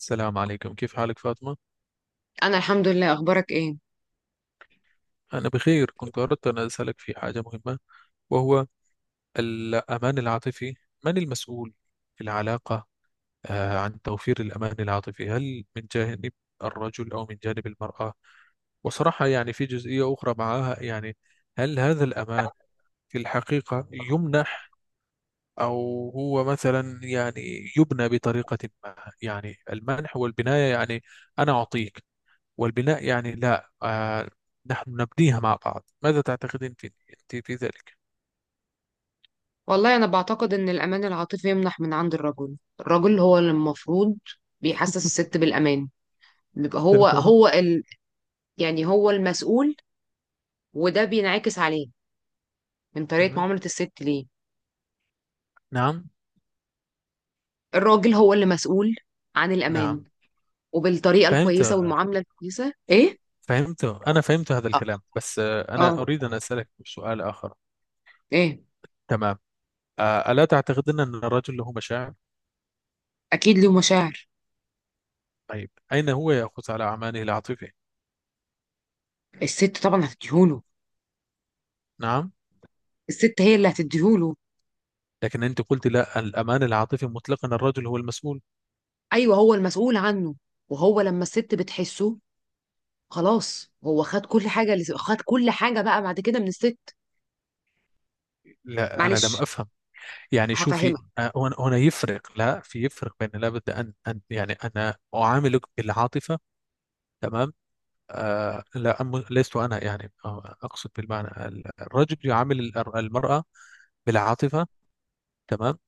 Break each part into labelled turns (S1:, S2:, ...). S1: السلام عليكم، كيف حالك فاطمة؟
S2: أنا الحمد لله. أخبارك إيه؟
S1: أنا بخير. كنت أردت أن أسألك في حاجة مهمة، وهو الأمان العاطفي. من المسؤول في العلاقة عن توفير الأمان العاطفي؟ هل من جانب الرجل أو من جانب المرأة؟ وصراحة يعني في جزئية أخرى معها، يعني هل هذا الأمان في الحقيقة يمنح أو هو مثلا يعني يبنى بطريقة ما؟ يعني المنح والبناية، يعني أنا أعطيك، والبناء يعني لا نحن نبنيها مع بعض. ماذا تعتقدين في أنت في ذلك؟
S2: والله أنا بعتقد إن الأمان العاطفي يمنح من عند الرجل هو اللي المفروض بيحسس الست بالأمان، بيبقى هو
S1: تمام
S2: هو ال... يعني هو المسؤول، وده بينعكس عليه من طريقة
S1: تمام.
S2: معاملة الست ليه.
S1: نعم
S2: الراجل هو اللي مسؤول عن الأمان،
S1: نعم.
S2: وبالطريقة
S1: فهمت
S2: الكويسة والمعاملة الكويسة، إيه؟
S1: فهمت. أنا فهمت هذا
S2: آه
S1: الكلام، بس
S2: آه،
S1: أنا أريد أن أسألك سؤال آخر.
S2: إيه؟
S1: تمام. ألا تعتقدين أن الرجل له مشاعر؟
S2: أكيد له مشاعر.
S1: طيب، أين هو يأخذ على أعماله العاطفية؟
S2: الست طبعا هتديهوله.
S1: نعم.
S2: الست هي اللي هتديهوله.
S1: لكن أنت قلت لا، الأمان العاطفي مطلقا الرجل هو المسؤول.
S2: أيوه، هو المسؤول عنه، وهو لما الست بتحسه خلاص هو خد كل حاجة، اللي خد كل حاجة بقى بعد كده من الست.
S1: لا أنا لم
S2: معلش.
S1: أفهم. يعني شوفي،
S2: هفهمك.
S1: هنا يفرق، لا، في يفرق بين، لابد أن يعني أنا أعاملك بالعاطفة. تمام. آه لا أم- لست أنا، يعني أقصد بالمعنى الرجل يعامل المرأة بالعاطفة. تمام.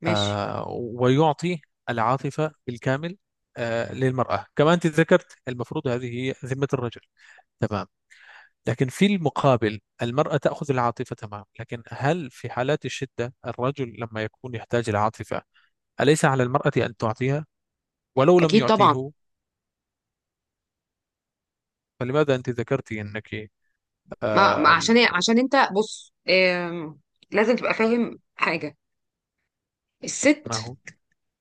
S2: ماشي.
S1: ويعطي العاطفة بالكامل للمرأة. كما أنت ذكرت، المفروض هذه هي ذمة الرجل. تمام. لكن في المقابل، المرأة تأخذ العاطفة. تمام. لكن هل في حالات الشدة، الرجل لما يكون يحتاج العاطفة، أليس على المرأة أن تعطيها ولو لم
S2: اكيد طبعا.
S1: يعطيه؟ فلماذا أنت ذكرتي أنك
S2: ما
S1: آه
S2: عشان إيه؟ عشان انت بص، لازم تبقى فاهم حاجه.
S1: ما
S2: الست
S1: هو.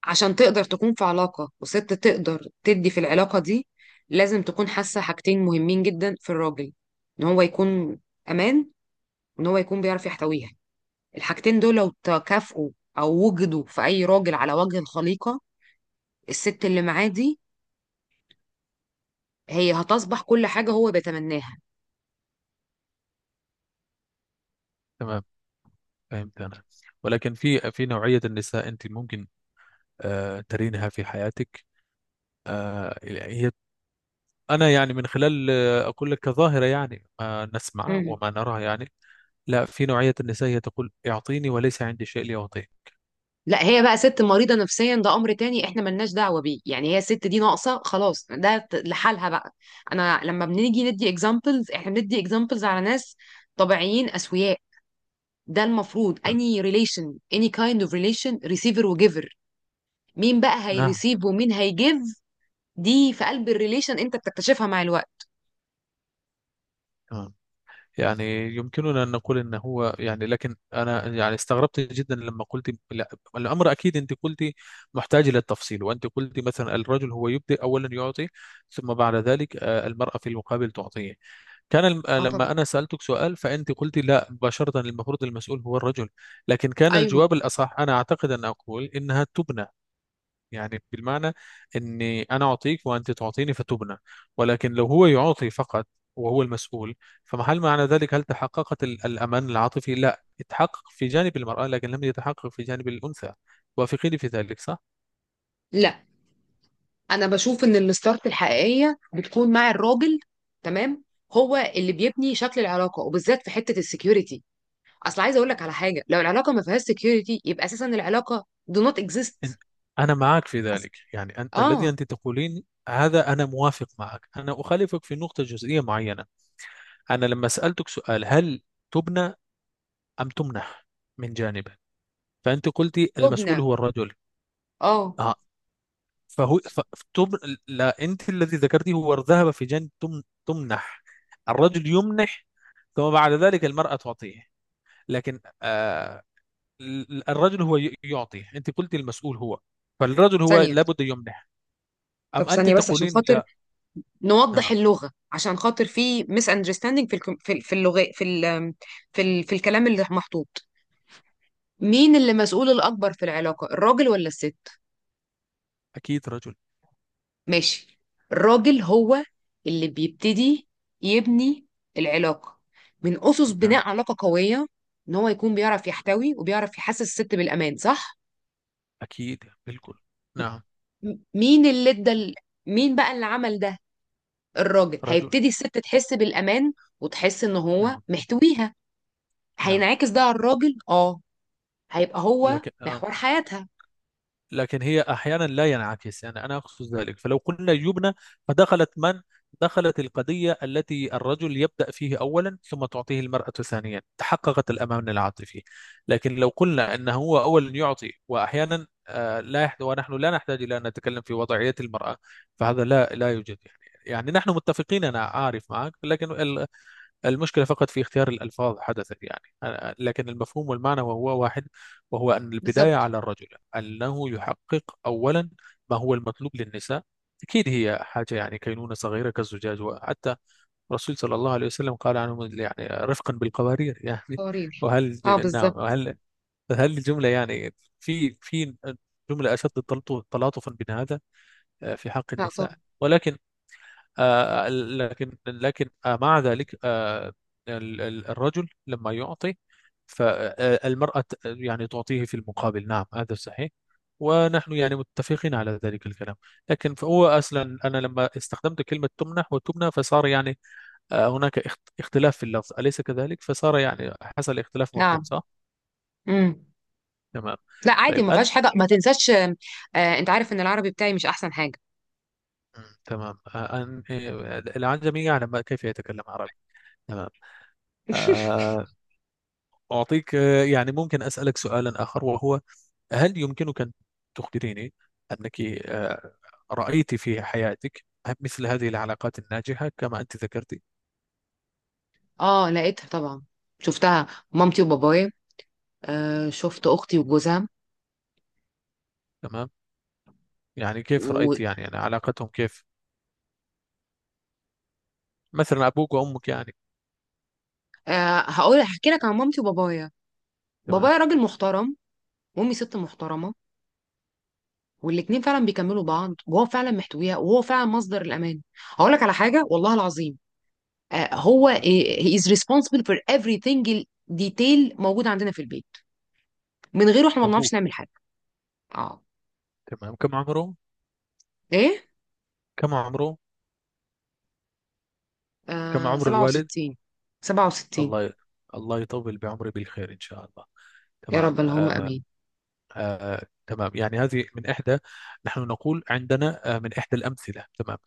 S2: عشان تقدر تكون في علاقه، وست تقدر تدي في العلاقه دي، لازم تكون حاسه حاجتين مهمين جدا في الراجل: ان هو يكون امان، وان هو يكون بيعرف يحتويها. الحاجتين دول لو تكافئوا او وجدوا في اي راجل على وجه الخليقه، الست اللي معاه دي هي هتصبح كل حاجة هو بيتمناها.
S1: تمام. فهمت أنا. ولكن في نوعية النساء أنت ممكن ترينها في حياتك، يعني هي، أنا يعني من خلال أقول لك كظاهرة، يعني ما نسمع
S2: مم.
S1: وما نراها يعني. لا، في نوعية النساء هي تقول اعطيني وليس عندي شيء لأعطيه.
S2: لا، هي بقى ست مريضة نفسيا، ده أمر تاني، إحنا ملناش دعوة بيه، يعني هي الست دي ناقصة خلاص، ده لحالها بقى. أنا لما بنيجي ندي examples، إحنا بندي examples على ناس طبيعيين أسوياء. ده المفروض any relation، any kind of relation، receiver وgiver. مين بقى
S1: نعم.
S2: هيريسيف ومين هيجيف؟ دي في قلب الريليشن، أنت بتكتشفها مع الوقت.
S1: تمام. يعني يمكننا أن نقول أنه هو، يعني لكن أنا يعني استغربت جدا لما قلت لا. الأمر أكيد أنت قلت محتاج إلى التفصيل، وأنت قلت مثلا الرجل هو يبدأ أولا يعطي، ثم بعد ذلك المرأة في المقابل تعطيه. كان الم... آه،
S2: اه طبعا.
S1: لما أنا سألتك سؤال، فأنت قلت لا مباشرة، المفروض المسؤول هو الرجل. لكن كان
S2: ايوه.
S1: الجواب الأصح، أنا أعتقد، أن أقول إنها تبنى. يعني بالمعنى أني أنا أعطيك وأنت تعطيني فتبنى. ولكن لو هو يعطي فقط وهو المسؤول، فمحل معنى ذلك، هل تحققت الأمان العاطفي؟ لا يتحقق في جانب المرأة، لكن لم يتحقق في جانب الأنثى. وافقيني في ذلك، صح؟
S2: لا، انا بشوف ان الستارت الحقيقيه بتكون مع الراجل، تمام، هو اللي بيبني شكل العلاقه، وبالذات في حته السكيورتي. اصل عايزه اقول لك على حاجه، لو العلاقه ما فيهاش سكيورتي يبقى اساسا العلاقه do not
S1: أنت-
S2: exist.
S1: أنا معك في
S2: أس...
S1: ذلك، يعني الذي
S2: اه.
S1: أنت تقولين هذا أنا موافق معك. أنا أخالفك في نقطة جزئية معينة. أنا لما سألتك سؤال، هل تبنى أم تمنح من جانبه، فأنت قلتي المسؤول
S2: تبنى.
S1: هو الرجل.
S2: اه.
S1: آه فهو لا، أنت الذي ذكرتي هو ذهب في جانب تمنح. الرجل يمنح، ثم بعد ذلك المرأة تعطيه. لكن الرجل هو يعطي. أنت قلتي المسؤول هو، فالرجل هو
S2: ثانيه.
S1: لابد يمنح.
S2: طب
S1: أم أنت
S2: ثانيه بس، عشان
S1: تقولين
S2: خاطر
S1: لا؟
S2: نوضح
S1: نعم.
S2: اللغه، عشان خاطر في ميس اندرستاندينج في اللغه، في الكلام اللي محطوط. مين اللي مسؤول الاكبر في العلاقه، الراجل ولا الست؟
S1: أكيد رجل.
S2: ماشي. الراجل هو اللي بيبتدي يبني العلاقة من أسس
S1: نعم.
S2: بناء علاقة قوية، إن هو يكون بيعرف يحتوي وبيعرف يحسس الست بالأمان، صح؟
S1: أكيد بالكل. نعم.
S2: مين اللي مين بقى اللي عمل ده؟ الراجل
S1: رجل.
S2: هيبتدي الست تحس بالأمان، وتحس إن هو
S1: نعم.
S2: محتويها.
S1: نعم.
S2: هينعكس ده على الراجل، هيبقى هو
S1: لكن آه.
S2: محور حياتها.
S1: لكن هي أحيانا لا ينعكس، يعني أنا أقصد ذلك. فلو قلنا يبنى، فدخلت من دخلت القضية التي الرجل يبدأ فيه أولا ثم تعطيه المرأة ثانيا، تحققت الأمان العاطفي. لكن لو قلنا أنه هو أولا يعطي وأحيانا لا يحد، ونحن لا نحتاج إلى أن نتكلم في وضعية المرأة، فهذا لا يوجد يعني. يعني نحن متفقين، أنا عارف معك، لكن المشكلة فقط في اختيار الألفاظ حدثت، يعني لكن المفهوم والمعنى وهو واحد، وهو أن البداية
S2: بالظبط.
S1: على الرجل، أنه يحقق أولا ما هو المطلوب للنساء. أكيد هي حاجة يعني كينونة صغيرة كالزجاج، وحتى الرسول صلى الله عليه وسلم قال عنهم يعني رفقا بالقوارير يعني.
S2: قرير.
S1: وهل؟
S2: اه،
S1: نعم،
S2: بالظبط.
S1: وهل، هل الجملة يعني في جملة أشد تلاطفا من هذا في حق
S2: لا
S1: النساء؟
S2: طبعا.
S1: ولكن لكن لكن مع ذلك الرجل لما يعطي، فالمرأة يعني تعطيه في المقابل. نعم هذا صحيح، ونحن يعني متفقين على ذلك الكلام. لكن فهو أصلا أنا لما استخدمت كلمة تمنح وتمنى، فصار يعني هناك اختلاف في اللفظ، أليس كذلك؟ فصار يعني حصل اختلاف مفهوم،
S2: نعم.
S1: صح؟
S2: امم
S1: تمام.
S2: لا عادي،
S1: طيب
S2: ما
S1: أنت.
S2: فيهاش حاجه، ما تنساش. انت عارف ان العربي بتاعي مش احسن حاجه.
S1: تمام. آه، أن آه، العجمي يعلم كيف يتكلم عربي. تمام. آه، أعطيك، يعني ممكن أسألك سؤالا آخر، وهو هل يمكنك أن تخبريني أنك رأيت في حياتك مثل هذه العلاقات الناجحة كما أنت ذكرتي؟
S2: اه، لقيتها طبعا. شفتها مامتي وبابايا. شفت اختي وجوزها.
S1: تمام. يعني كيف
S2: و...
S1: رأيت يعني, يعني علاقتهم كيف؟ مثلا أبوك وأمك يعني.
S2: آه هقول هحكي لك عن مامتي وبابايا.
S1: تمام.
S2: بابايا راجل محترم، وامي ست محترمه، والاتنين فعلا بيكملوا بعض، وهو فعلا محتويها، وهو فعلا مصدر الامان. هقول لك على حاجه والله العظيم. آه هو آه،
S1: مم.
S2: he is responsible for everything. detail موجود عندنا في البيت، من غيره احنا ما بنعرفش
S1: أبوك.
S2: نعمل حاجه. اه.
S1: تمام، كم عمره؟
S2: ايه.
S1: كم عمره؟ كم
S2: آه،
S1: عمر الوالد؟
S2: 67. 67.
S1: الله ي- الله يطول بعمري بالخير إن شاء الله.
S2: يا
S1: تمام.
S2: رب، اللهم امين.
S1: تمام. يعني هذه من إحدى، نحن نقول عندنا من إحدى الأمثلة. تمام.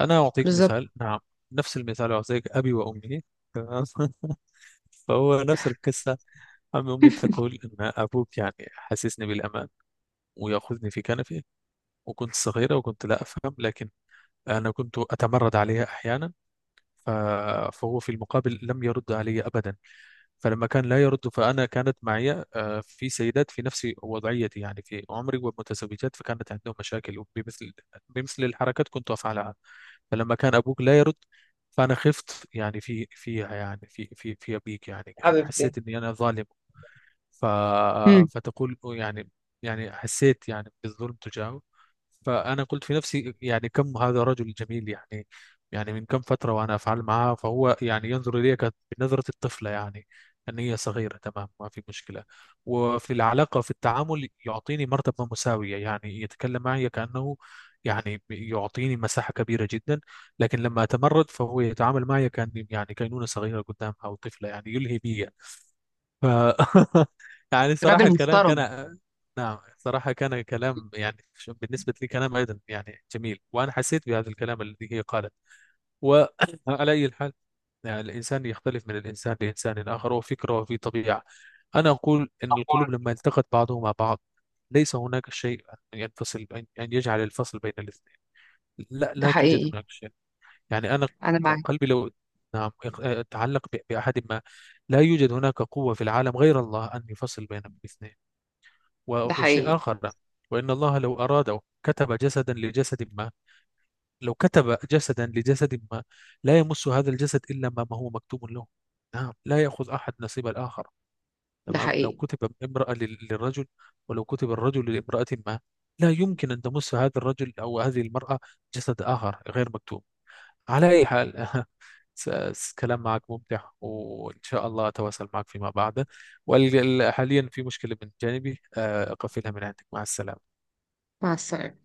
S1: أنا أعطيك
S2: بالظبط.
S1: مثال. نعم. نفس المثال أعطيك، أبي وأمي. تمام. فهو نفس القصة. عم أمي تقول إن أبوك يعني حسسني بالأمان ويأخذني في كنفه، وكنت صغيرة وكنت لا أفهم، لكن أنا كنت أتمرد عليها أحيانا. ف- فهو في المقابل لم يرد علي أبدا. فلما كان لا يرد، فأنا كانت معي في سيدات في نفس وضعيتي، يعني في عمري ومتزوجات، فكانت عندهم مشاكل بمثل الحركات كنت أفعلها. فلما كان أبوك لا يرد، فأنا خفت يعني في فيها يعني في أبيك، يعني
S2: حبيبتي.
S1: حسيت إني أنا ظالم. ف...
S2: مم.
S1: فتقول يعني، يعني حسيت يعني بالظلم تجاهه. فأنا قلت في نفسي يعني كم هذا رجل جميل، يعني يعني من كم فترة وأنا أفعل معها، فهو يعني ينظر إليك بنظرة الطفلة، يعني أن هي صغيرة، تمام، ما في مشكلة. وفي العلاقة في التعامل يعطيني مرتبة مساوية، يعني يتكلم معي كأنه، يعني يعطيني مساحة كبيرة جدا. لكن لما أتمرد فهو يتعامل معي كأني يعني كينونة صغيرة قدامها أو طفلة، يعني يلهي بي. ف... يعني صراحة
S2: راجل
S1: الكلام كان.
S2: محترم.
S1: نعم صراحة كان كلام، يعني بالنسبة لي كلام أيضا يعني جميل، وأنا حسيت بهذا الكلام الذي هي قالت. وعلى أي حال، يعني الإنسان يختلف من الإنسان لإنسان آخر، وفكره وفي طبيعة. أنا أقول إن القلوب
S2: أخبارك؟
S1: لما التقت بعضهما بعض، ليس هناك شيء أن ينفصل، أن يجعل الفصل بين الاثنين. لا،
S2: ده
S1: توجد
S2: حقيقي.
S1: هناك شيء. يعني أنا
S2: انا معاك.
S1: قلبي لو، نعم، تعلق بأحد ما، لا يوجد هناك قوة في العالم غير الله أن يفصل بين الاثنين.
S2: ده حقيقي.
S1: وشيء آخر، وإن الله لو أراده كتب جسدا لجسد ما، لو كتب جسدا لجسد ما، لا يمس هذا الجسد إلا ما هو مكتوب له. نعم، لا يأخذ أحد نصيب الآخر.
S2: ده
S1: تمام. لو
S2: حقيقي.
S1: كتب امرأة للرجل، ولو كتب الرجل لامرأة ما، لا يمكن أن تمس هذا الرجل أو هذه المرأة جسد آخر غير مكتوب. على أي حال، كلام معك ممتع، وإن شاء الله أتواصل معك فيما بعد. وحاليا في مشكلة من جانبي، أقفلها من عندك. مع السلامة.
S2: مع السلامة.